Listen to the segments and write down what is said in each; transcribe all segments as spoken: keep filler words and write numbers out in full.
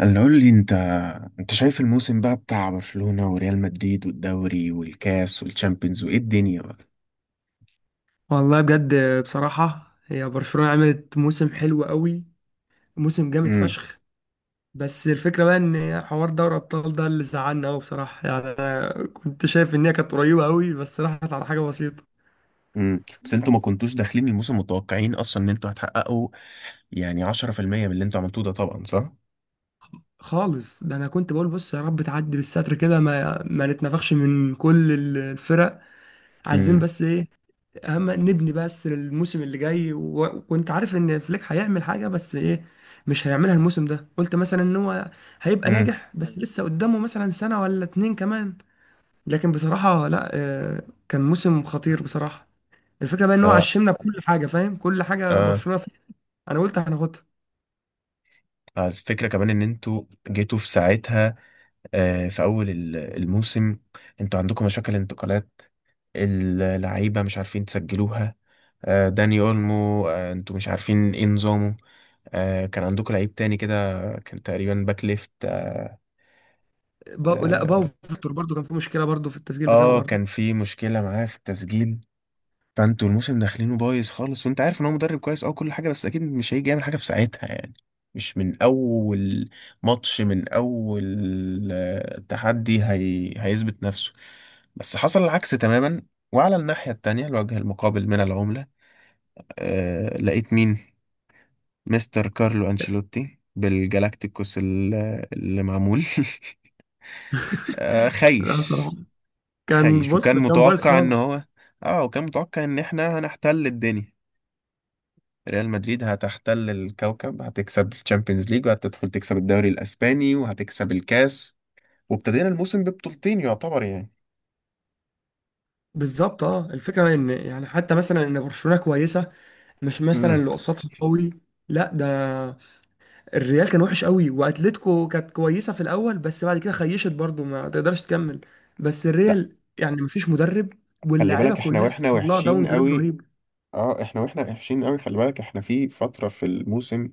اللي قول لي انت انت شايف الموسم بقى بتاع برشلونة وريال مدريد والدوري والكاس والتشامبيونز وايه الدنيا بقى؟ والله بجد. بصراحة، هي برشلونة عملت موسم حلو قوي، موسم جامد امم فشخ. بس الفكرة بقى ان حوار دوري ابطال ده اللي زعلنا قوي بصراحة يعني. أنا كنت شايف ان هي كانت قريبة قوي بس راحت على حاجة بسيطة امم بس انتوا ما كنتوش داخلين الموسم متوقعين اصلا ان انتوا هتحققوا يعني عشرة في المية من اللي انتوا عملتوه ده طبعا صح. خالص. ده انا كنت بقول بص يا رب تعدي بالستر كده ما ما نتنفخش من كل الفرق. عايزين امم بس ايه؟ اهم نبني بس للموسم اللي جاي، و- وكنت عارف ان فليك هيعمل حاجه، بس ايه، مش هيعملها الموسم ده. قلت مثلا ان هو هيبقى امم ناجح بس لسه قدامه مثلا سنه ولا اتنين كمان. لكن بصراحه لا، آه، كان موسم خطير بصراحه. الفكره بقى ان هو لا. عشمنا بكل حاجه، فاهم؟ كل حاجه اه. برشلونه فيها انا قلت هناخدها. آه، الفكرة كمان ان انتوا جيتوا في ساعتها، آه في اول ال- الموسم انتوا عندكم مشاكل انتقالات، اللعيبة مش عارفين تسجلوها. آه داني اولمو، آه انتوا مش عارفين ايه نظامه. آه كان عندكم لعيب تاني كده، كان تقريبا باك ليفت. آه, با... لا، باو آه, فيكتور برضو كان في مشكله برضو في التسجيل بتاعه اه برضو. كان في مشكلة معاه في التسجيل. فانتوا الموسم داخلينه بايظ خالص وانت عارف ان هو مدرب كويس او كل حاجة، بس اكيد مش هيجي يعمل حاجة في ساعتها يعني. مش من اول ماتش، من اول آه، تحدي هي... هيثبت نفسه. بس حصل العكس تماما. وعلى الناحية التانية، الوجه المقابل من العملة، آه لقيت مين؟ مستر كارلو أنشيلوتي بالجالاكتيكوس ال- اللي معمول. آه، لا خايش. بصراحه، كان خايش بص، وكان ده كان بايظ متوقع ان خالص. هو، اه وكان متوقع ان احنا هنحتل الدنيا، ريال مدريد هتحتل الكوكب، هتكسب الشامبيونز ليج وهتدخل تكسب الدوري الاسباني وهتكسب الكاس، وابتدينا الموسم ببطولتين يعتبر يعني. بالظبط، اه الفكره ان يعني حتى مثلا ان برشلونه كويسه، مش مثلا امم اللي قصادها قوي. لا ده، الريال كان وحش قوي، واتلتيكو كانت كويسه في الاول بس بعد كده خيشت برضو، ما تقدرش تكمل. بس لا، الريال يعني مفيش مدرب، خلي واللاعيبه بالك احنا كلها واحنا حصل لها وحشين داون جريد قوي. رهيب. اه احنا واحنا وحشين قوي، خلي بالك احنا في فترة في الموسم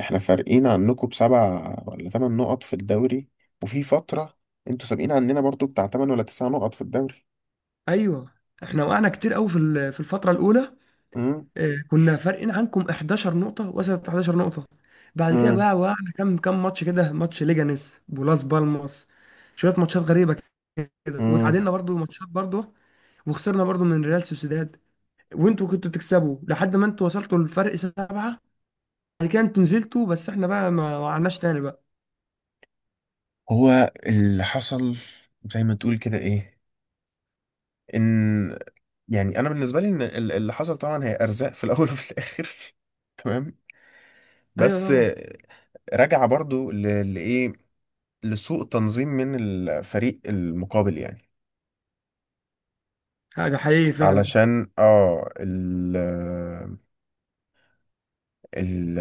احنا فارقين عنكم بسبع ولا ثمان نقط في الدوري، وفي فترة انتوا سابقين عننا برضو بتاع ثمان ولا تسع نقط في الدوري. ايوه، احنا وقعنا كتير قوي في ال- في الفتره الاولى. آه، كنا فارقين عنكم حداشر نقطه، وصلت حداشر نقطه. بعد كده امم بقى وقعنا كام كام ماتش كده، ماتش ليجانيس ولاس بالماس، شويه ماتشات غريبه كده. امم وتعادلنا برضو ماتشات برضو، وخسرنا برضو من ريال سوسيداد. وانتوا كنتوا بتكسبوا لحد ما انتوا وصلتوا للفرق سبعة. بعد كده انتوا نزلتوا، بس احنا بقى ما وقعناش تاني بقى. هو اللي حصل زي ما تقول كده ايه، ان يعني انا بالنسبه لي ان ال- اللي حصل طبعا هي ارزاق في الاول وفي الاخر. تمام. ايوه بس طبعا. رجع برضو ل- لايه؟ لسوء تنظيم من الفريق المقابل يعني. حاجة حقيقي فعلا. علشان اه ال ال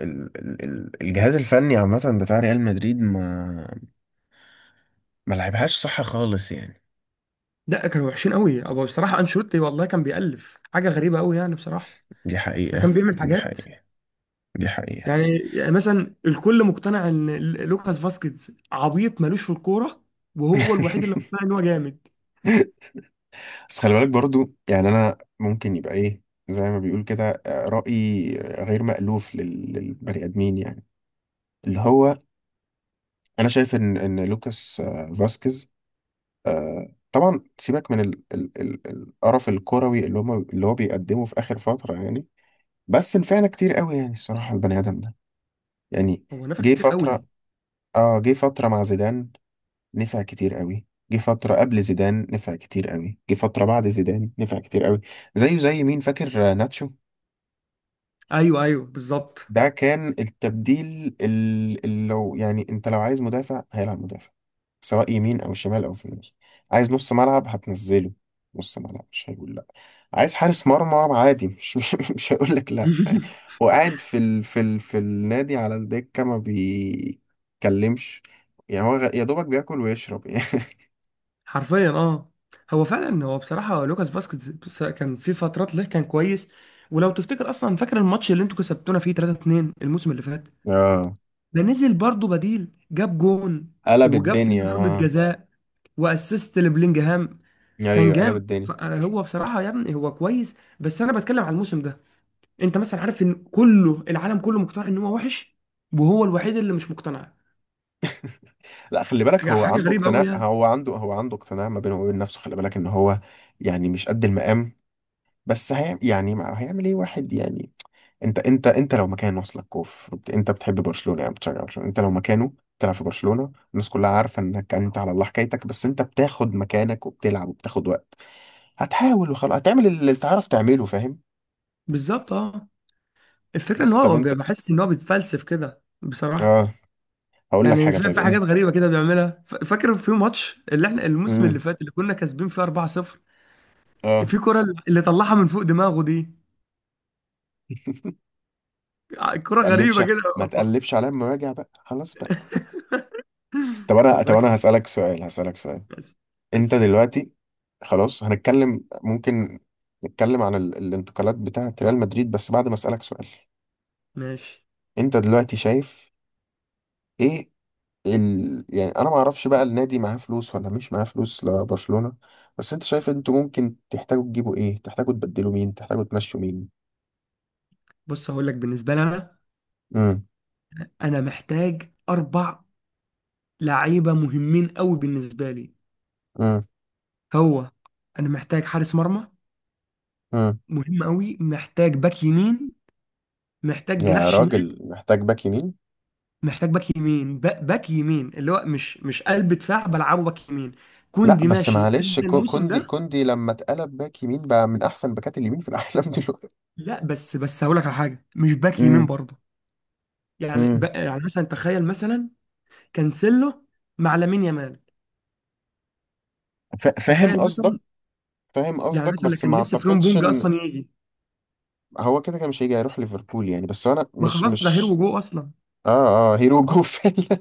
ال ال- الجهاز الفني عامه بتاع ريال مدريد ما ما لعبهاش صح خالص يعني. لا، كانوا وحشين قوي ابو، بصراحة انشيلوتي والله كان بيألف حاجة غريبة قوي يعني بصراحة. دي ده حقيقه، كان بيعمل دي حاجات حقيقه، دي حقيقه. يعني يعني مثلا الكل مقتنع ان ال- لوكاس فاسكيز عبيط ملوش في الكورة، وهو الوحيد اللي مقتنع ان هو جامد. بس خلي بالك برضو يعني انا ممكن يبقى ايه، زي ما بيقول كده، آه، رأيي آه، غير مألوف لل- للبني ادمين يعني، اللي هو انا شايف ان ان لوكاس آه، فاسكيز، طبعا سيبك من ال- ال- ال- القرف الكروي اللي هم اللي هو بيقدمه في اخر فترة يعني، بس نفعنا كتير قوي يعني، الصراحة البني ادم ده يعني. هو نفع جه كتير قوي. فترة، اه جه فترة مع زيدان نفع كتير قوي، جه فترة قبل زيدان نفع كتير قوي، جه فترة بعد زيدان نفع كتير قوي. زيه زي مين فاكر؟ آه، ناتشو. ايوه ايوه بالظبط. ده كان التبديل ال- اللي لو يعني انت لو عايز مدافع هيلعب مدافع، سواء يمين او شمال او في النص. عايز نص ملعب هتنزله نص ملعب مش هيقول لا. عايز حارس مرمى عادي مش مش, مش هيقول لك لا يعني. هو قاعد في ال في ال في النادي على الدكة ما بيتكلمش يعني، هو غ- يا دوبك بياكل ويشرب يعني. حرفيا اه. هو فعلا، هو بصراحة لوكاس فاسكيز بس- كان في فترات له كان كويس. ولو تفتكر اصلا، فاكر الماتش اللي انتوا كسبتونا فيه ثلاثة اثنين الموسم اللي فات؟ اه ده نزل برضه بديل، جاب جون قلب وجاب الدنيا فينا ضربة اه. جزاء واسيست لبلينجهام، كان ايوه قلب جامد. ف- الدنيا. هو بصراحة يا ابني هو كويس، بس انا بتكلم على الموسم ده. انت مثلا عارف ان كله، العالم كله، مقتنع ان هو وحش وهو الوحيد اللي مش مقتنع. لا خلي بالك حاجة هو حاجة عنده غريبة قوي اقتناع، يعني. هو عنده هو عنده اقتناع ما بينه وبين نفسه، خلي بالك ان هو يعني مش قد المقام، بس هي يعني ما هيعمل ايه واحد يعني. انت انت انت لو مكان وصلك كوف بت- انت بتحب برشلونة يعني بتشجع برشلونة، انت لو مكانه بتلعب في برشلونة، الناس كلها عارفة انك انت على الله حكايتك، بس انت بتاخد مكانك وبتلعب وبتاخد وقت، هتحاول وخلاص، هتعمل اللي تعرف تعمله، فاهم؟ بالظبط، اه الفكرة ان بس طب هو انت، بحس ان هو بيتفلسف كده بصراحة. اه هقول لك يعني حاجة. في طيب في حاجات انت، غريبه كده بيعملها. ف- فاكر في ماتش اللي احنا الموسم اللي امم فات اللي كنا كاسبين فيه أربعة صفر، اه. في كرة اللي طلعها من فوق دماغه دي؟ ع- كرة تقلبش، غريبه كده. ما تقلبش عليا لما راجع بقى خلاص بقى. طب انا خد طب بالك. انا هسألك سؤال، هسألك سؤال. بس انت بس دلوقتي، خلاص هنتكلم ممكن نتكلم عن ال... الانتقالات بتاعة ريال مدريد بس بعد ما اسألك سؤال. ماشي. انت دلوقتي شايف ايه ال... يعني انا ما اعرفش بقى النادي معاه فلوس ولا مش معاه فلوس لبرشلونة، بس انت شايف انتوا ممكن تحتاجوا تجيبوا ايه، تحتاجوا تبدلوا مين، تحتاجوا تمشوا مين؟ بص هقول لك بالنسبه لي، انا امم انا محتاج اربع لعيبه مهمين قوي بالنسبه لي. امم هو انا محتاج حارس مرمى امم مهم قوي، محتاج باك يمين، محتاج جناح يا شمال. راجل محتاج باك يمين؟ محتاج باك يمين، با- باك يمين اللي هو مش مش قلب دفاع، بلعبه باك يمين. لا كوندي بس ماشي معلش قد كو- الموسم كوندي ده. كوندي لما اتقلب باك يمين بقى من احسن باكات اليمين في العالم دلوقتي. لا بس بس هقول لك على حاجه، مش باك يمين برضه. يعني ب... مم. يعني مثلا تخيل مثلا كانسيلو مع لامين يامال. فا- فاهم تخيل قصدك. مثلا، فاهم يعني قصدك مثلا اللي بس ما كان نفسي فريمبونج اعتقدش بونج ان اصلا يجي. هو كده كده مش هيجي، هيروح ليفربول يعني. بس انا ما مش خلاص، ده هيرو مش جو اصلا. اه. اه هيروجو فعلا.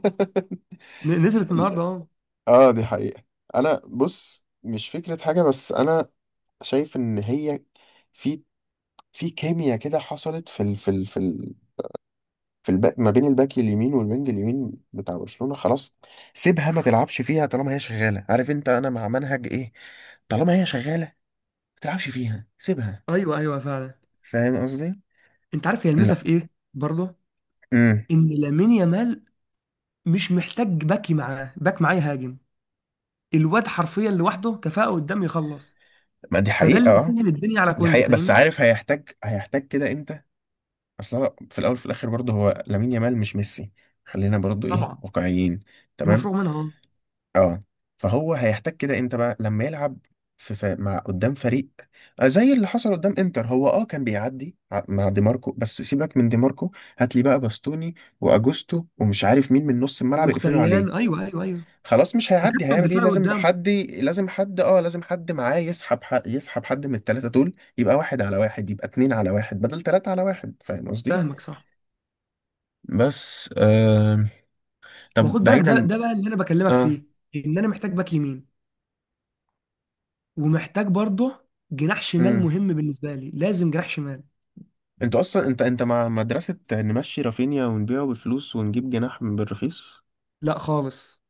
ن- نزلت النهارده لا. اهو. اه دي حقيقة. انا بص مش فكرة حاجة بس انا شايف ان هي في في كيمياء كده حصلت في ال في ال في ال في الباك ما بين الباك اليمين والوينج اليمين بتاع برشلونة، خلاص سيبها ما تلعبش فيها طالما هي شغالة، عارف انت انا مع منهج ايه؟ طالما هي شغالة ما تلعبش فيها، سيبها، ايوه ايوه فعلا. فاهم قصدي؟ انت عارف هي لا. الميزه في ايه برضه؟ امم ان لامين يامال مش محتاج باك معاه، باك معاه يهاجم. الواد حرفيا لوحده كفاءه قدام يخلص. ما دي فده حقيقة اللي اه. مسهل الدنيا على دي كوندي، حقيقة بس فاهمني؟ عارف هيحتاج، هيحتاج كده امتى؟ اصلا في الاول وفي الاخر برضه هو لامين يامال مش ميسي، خلينا برضه ايه طبعا واقعيين. دي تمام. مفروغ منها اه. اه. فهو هيحتاج كده امتى بقى لما يلعب في ف... مع قدام فريق آه، زي اللي حصل قدام انتر. هو اه كان بيعدي ع- مع دي ماركو، بس سيبك من دي ماركو، هات لي بقى باستوني واجوستو ومش عارف مين من نص الملعب يقفلوا عليه، ومختريان. ايوه ايوه ايوه، خلاص مش هيعدي تكتل هيعمل ايه. دفاعي لازم قدامه. حد، لازم حد اه لازم حد معاه يسحب حق، يسحب حد من التلاتة دول، يبقى واحد على واحد، يبقى اتنين على واحد بدل تلاتة على واحد، فاهم قصدي؟ فاهمك صح. بس آه... ما طب خد بالك، ده بعيدا. ده بقى اللي انا بكلمك اه. فيه. ان انا محتاج باك يمين، ومحتاج برضه جناح شمال امم مهم بالنسبه لي، لازم جناح شمال. انت اصلا انت انت مع مدرسة نمشي رافينيا ونبيعه بالفلوس ونجيب جناح بالرخيص؟ لا خالص،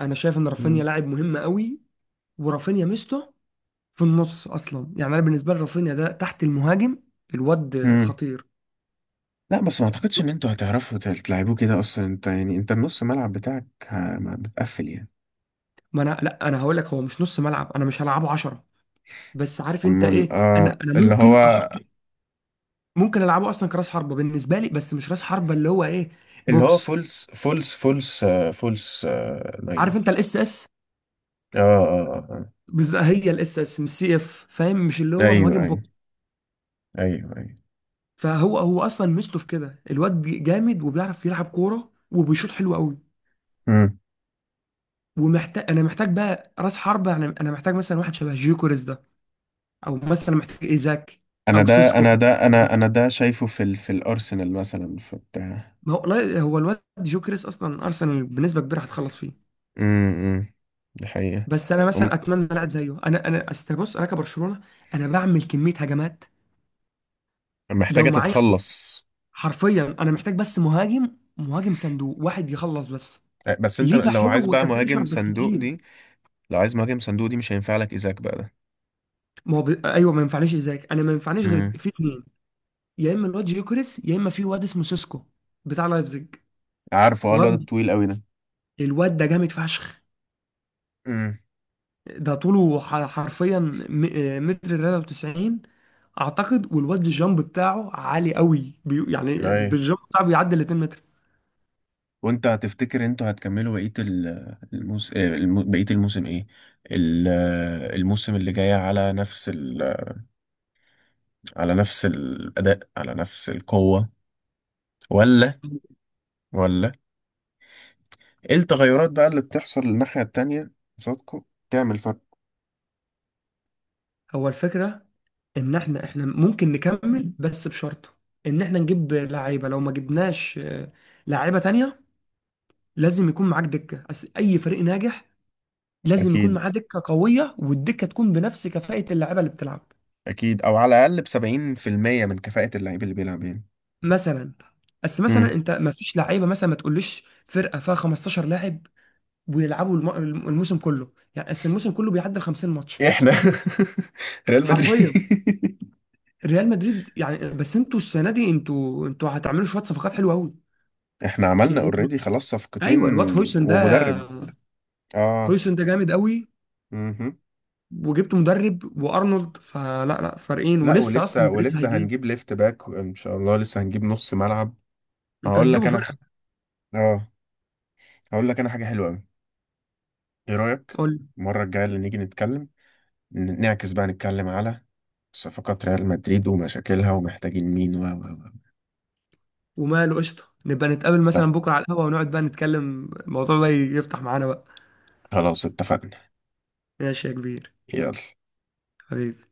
انا شايف ان رافينيا امم لاعب مهم قوي. ورافينيا ميزته في النص اصلا، يعني انا بالنسبه لي رافينيا ده تحت المهاجم، الواد امم خطير. لا بس ما اعتقدش ان انتوا هتعرفوا تل- تلعبوه كده اصلا انت، يعني انت النص ملعب بتاعك آه، ما بتقفل يعني. ما انا لا، انا هقول لك هو مش نص ملعب، انا مش هلعبه عشرة. بس عارف انت اما ال- ايه؟ آه، انا انا اللي هو ممكن احط، ممكن العبه اصلا كراس حربه بالنسبه لي، بس مش راس حربه اللي هو ايه، اللي هو بوكس. فولس فولس فولس آه، فولس آه، عارف ناين. انت الاس اس؟ اه اه. آه. آه. هي الاس اس مش سي اف، فاهم؟ مش اللي هو ايوه مهاجم ايوه. بوكس. ايوه ايوه. فهو هو اصلا ميزته في كده. الواد جامد وبيعرف يلعب كوره وبيشوط حلو قوي. مم. ومحتاج، انا محتاج بقى راس حربه، يعني انا محتاج مثلا واحد شبه جيوكوريز ده، او مثلا محتاج ايزاك، انا او ده انا سيسكو. ده انا انا ده شايفه في ال... في الارسنال مثلا في بتاع. ما هو لا- هو الواد جيوكوريز اصلا ارسنال بنسبه كبيره هتخلص فيه. امم دي حقيقة. بس انا هم-. مثلا اتمنى لاعب زيه. انا انا أصل بص، انا كبرشلونه انا بعمل كميه هجمات لو محتاجة معايا طب- تتخلص. حرفيا انا محتاج بس مهاجم، مهاجم صندوق واحد يخلص بس. آه، بس انت ليفا لو عايز حلو، بقى كفينشر مهاجم بس صندوق تقيل. دي، لو عايز مهاجم صندوق دي مش هينفع لك ايزاك بقى ده؟ ما هو ب... ايوه، ما ينفعنيش ازاك، انا ما ينفعنيش غير امم في اتنين: يا اما الواد جيوكريس، يا اما في واد اسمه سيسكو بتاع لايفزيج. عارفه اه الواد واد الطويل قوي ده. الواد ده جامد فشخ. امم ده طوله ح- حرفيا م... آه، متر تلاتة وتسعين اعتقد. والواد الجامب بتاعه عالي قوي، بي... يعني ايوه. بالجامب بتاعه بيعدي ال اتنين متر. وانت هتفتكر انتوا هتكملوا بقية ال- الموس... آه، الم... بقية الموسم ايه؟ ال- آه، الموسم اللي جاي على نفس ال... على نفس الأداء، على نفس القوة؟ ولا، ولا ايه التغيرات بقى اللي بتحصل الناحية التانية قصادكوا تعمل فرق؟ هو الفكرة ان احنا احنا ممكن نكمل بس بشرط ان احنا نجيب لعيبه. لو ما جبناش، آه، لعيبه تانية، لازم يكون معاك دكه. أس- اي فريق ناجح لازم يكون معاه اكيد. دكه قويه، والدكه تكون بنفس كفاءه اللعيبه اللي بتلعب. اكيد او على الاقل بسبعين في المية من كفاءة اللعيب اللي بيلعب يعني. مثلا، بس مثلا مم. انت، ما فيش لعيبه، مثلا ما تقوليش فرقه فيها خمسة عشر لاعب ويلعبوا الم- الم- الموسم كله، يعني بس الموسم كله بيعدي خمسين ماتش. احنا. ريال حرفيا مدريد. ريال مدريد يعني. بس انتوا السنه دي انتوا انتوا هتعملوا شويه صفقات حلوه قوي. احنا عملنا يعني انتوا، اوريدي خلاص صفقتين ايوه، الواد هويسن ده، ومدرب. اه. هويسن ده جامد قوي. مهم. وجبت مدرب وارنولد، فلا لا فارقين، لا ولسه ولسه، اصلا بريز ولسه هيجيب. هنجيب ليفت باك ان شاء الله، لسه هنجيب نص ملعب. انت هقول لك هتجيبوا انا ح... فرقه. اه، هقول لك انا حاجه حلوه قوي، ايه رايك؟ قول لي. المره الجايه اللي نيجي نتكلم ن- نعكس بقى، نتكلم على صفقات ريال مدريد ومشاكلها ومحتاجين مين و و و. وماله، قشطه، نبقى نتقابل اتفق- مثلا بكره على القهوه ونقعد بقى نتكلم. الموضوع ده يفتح معانا بقى. خلاص اتفقنا. ماشي يا كبير. يلا. حبيبي.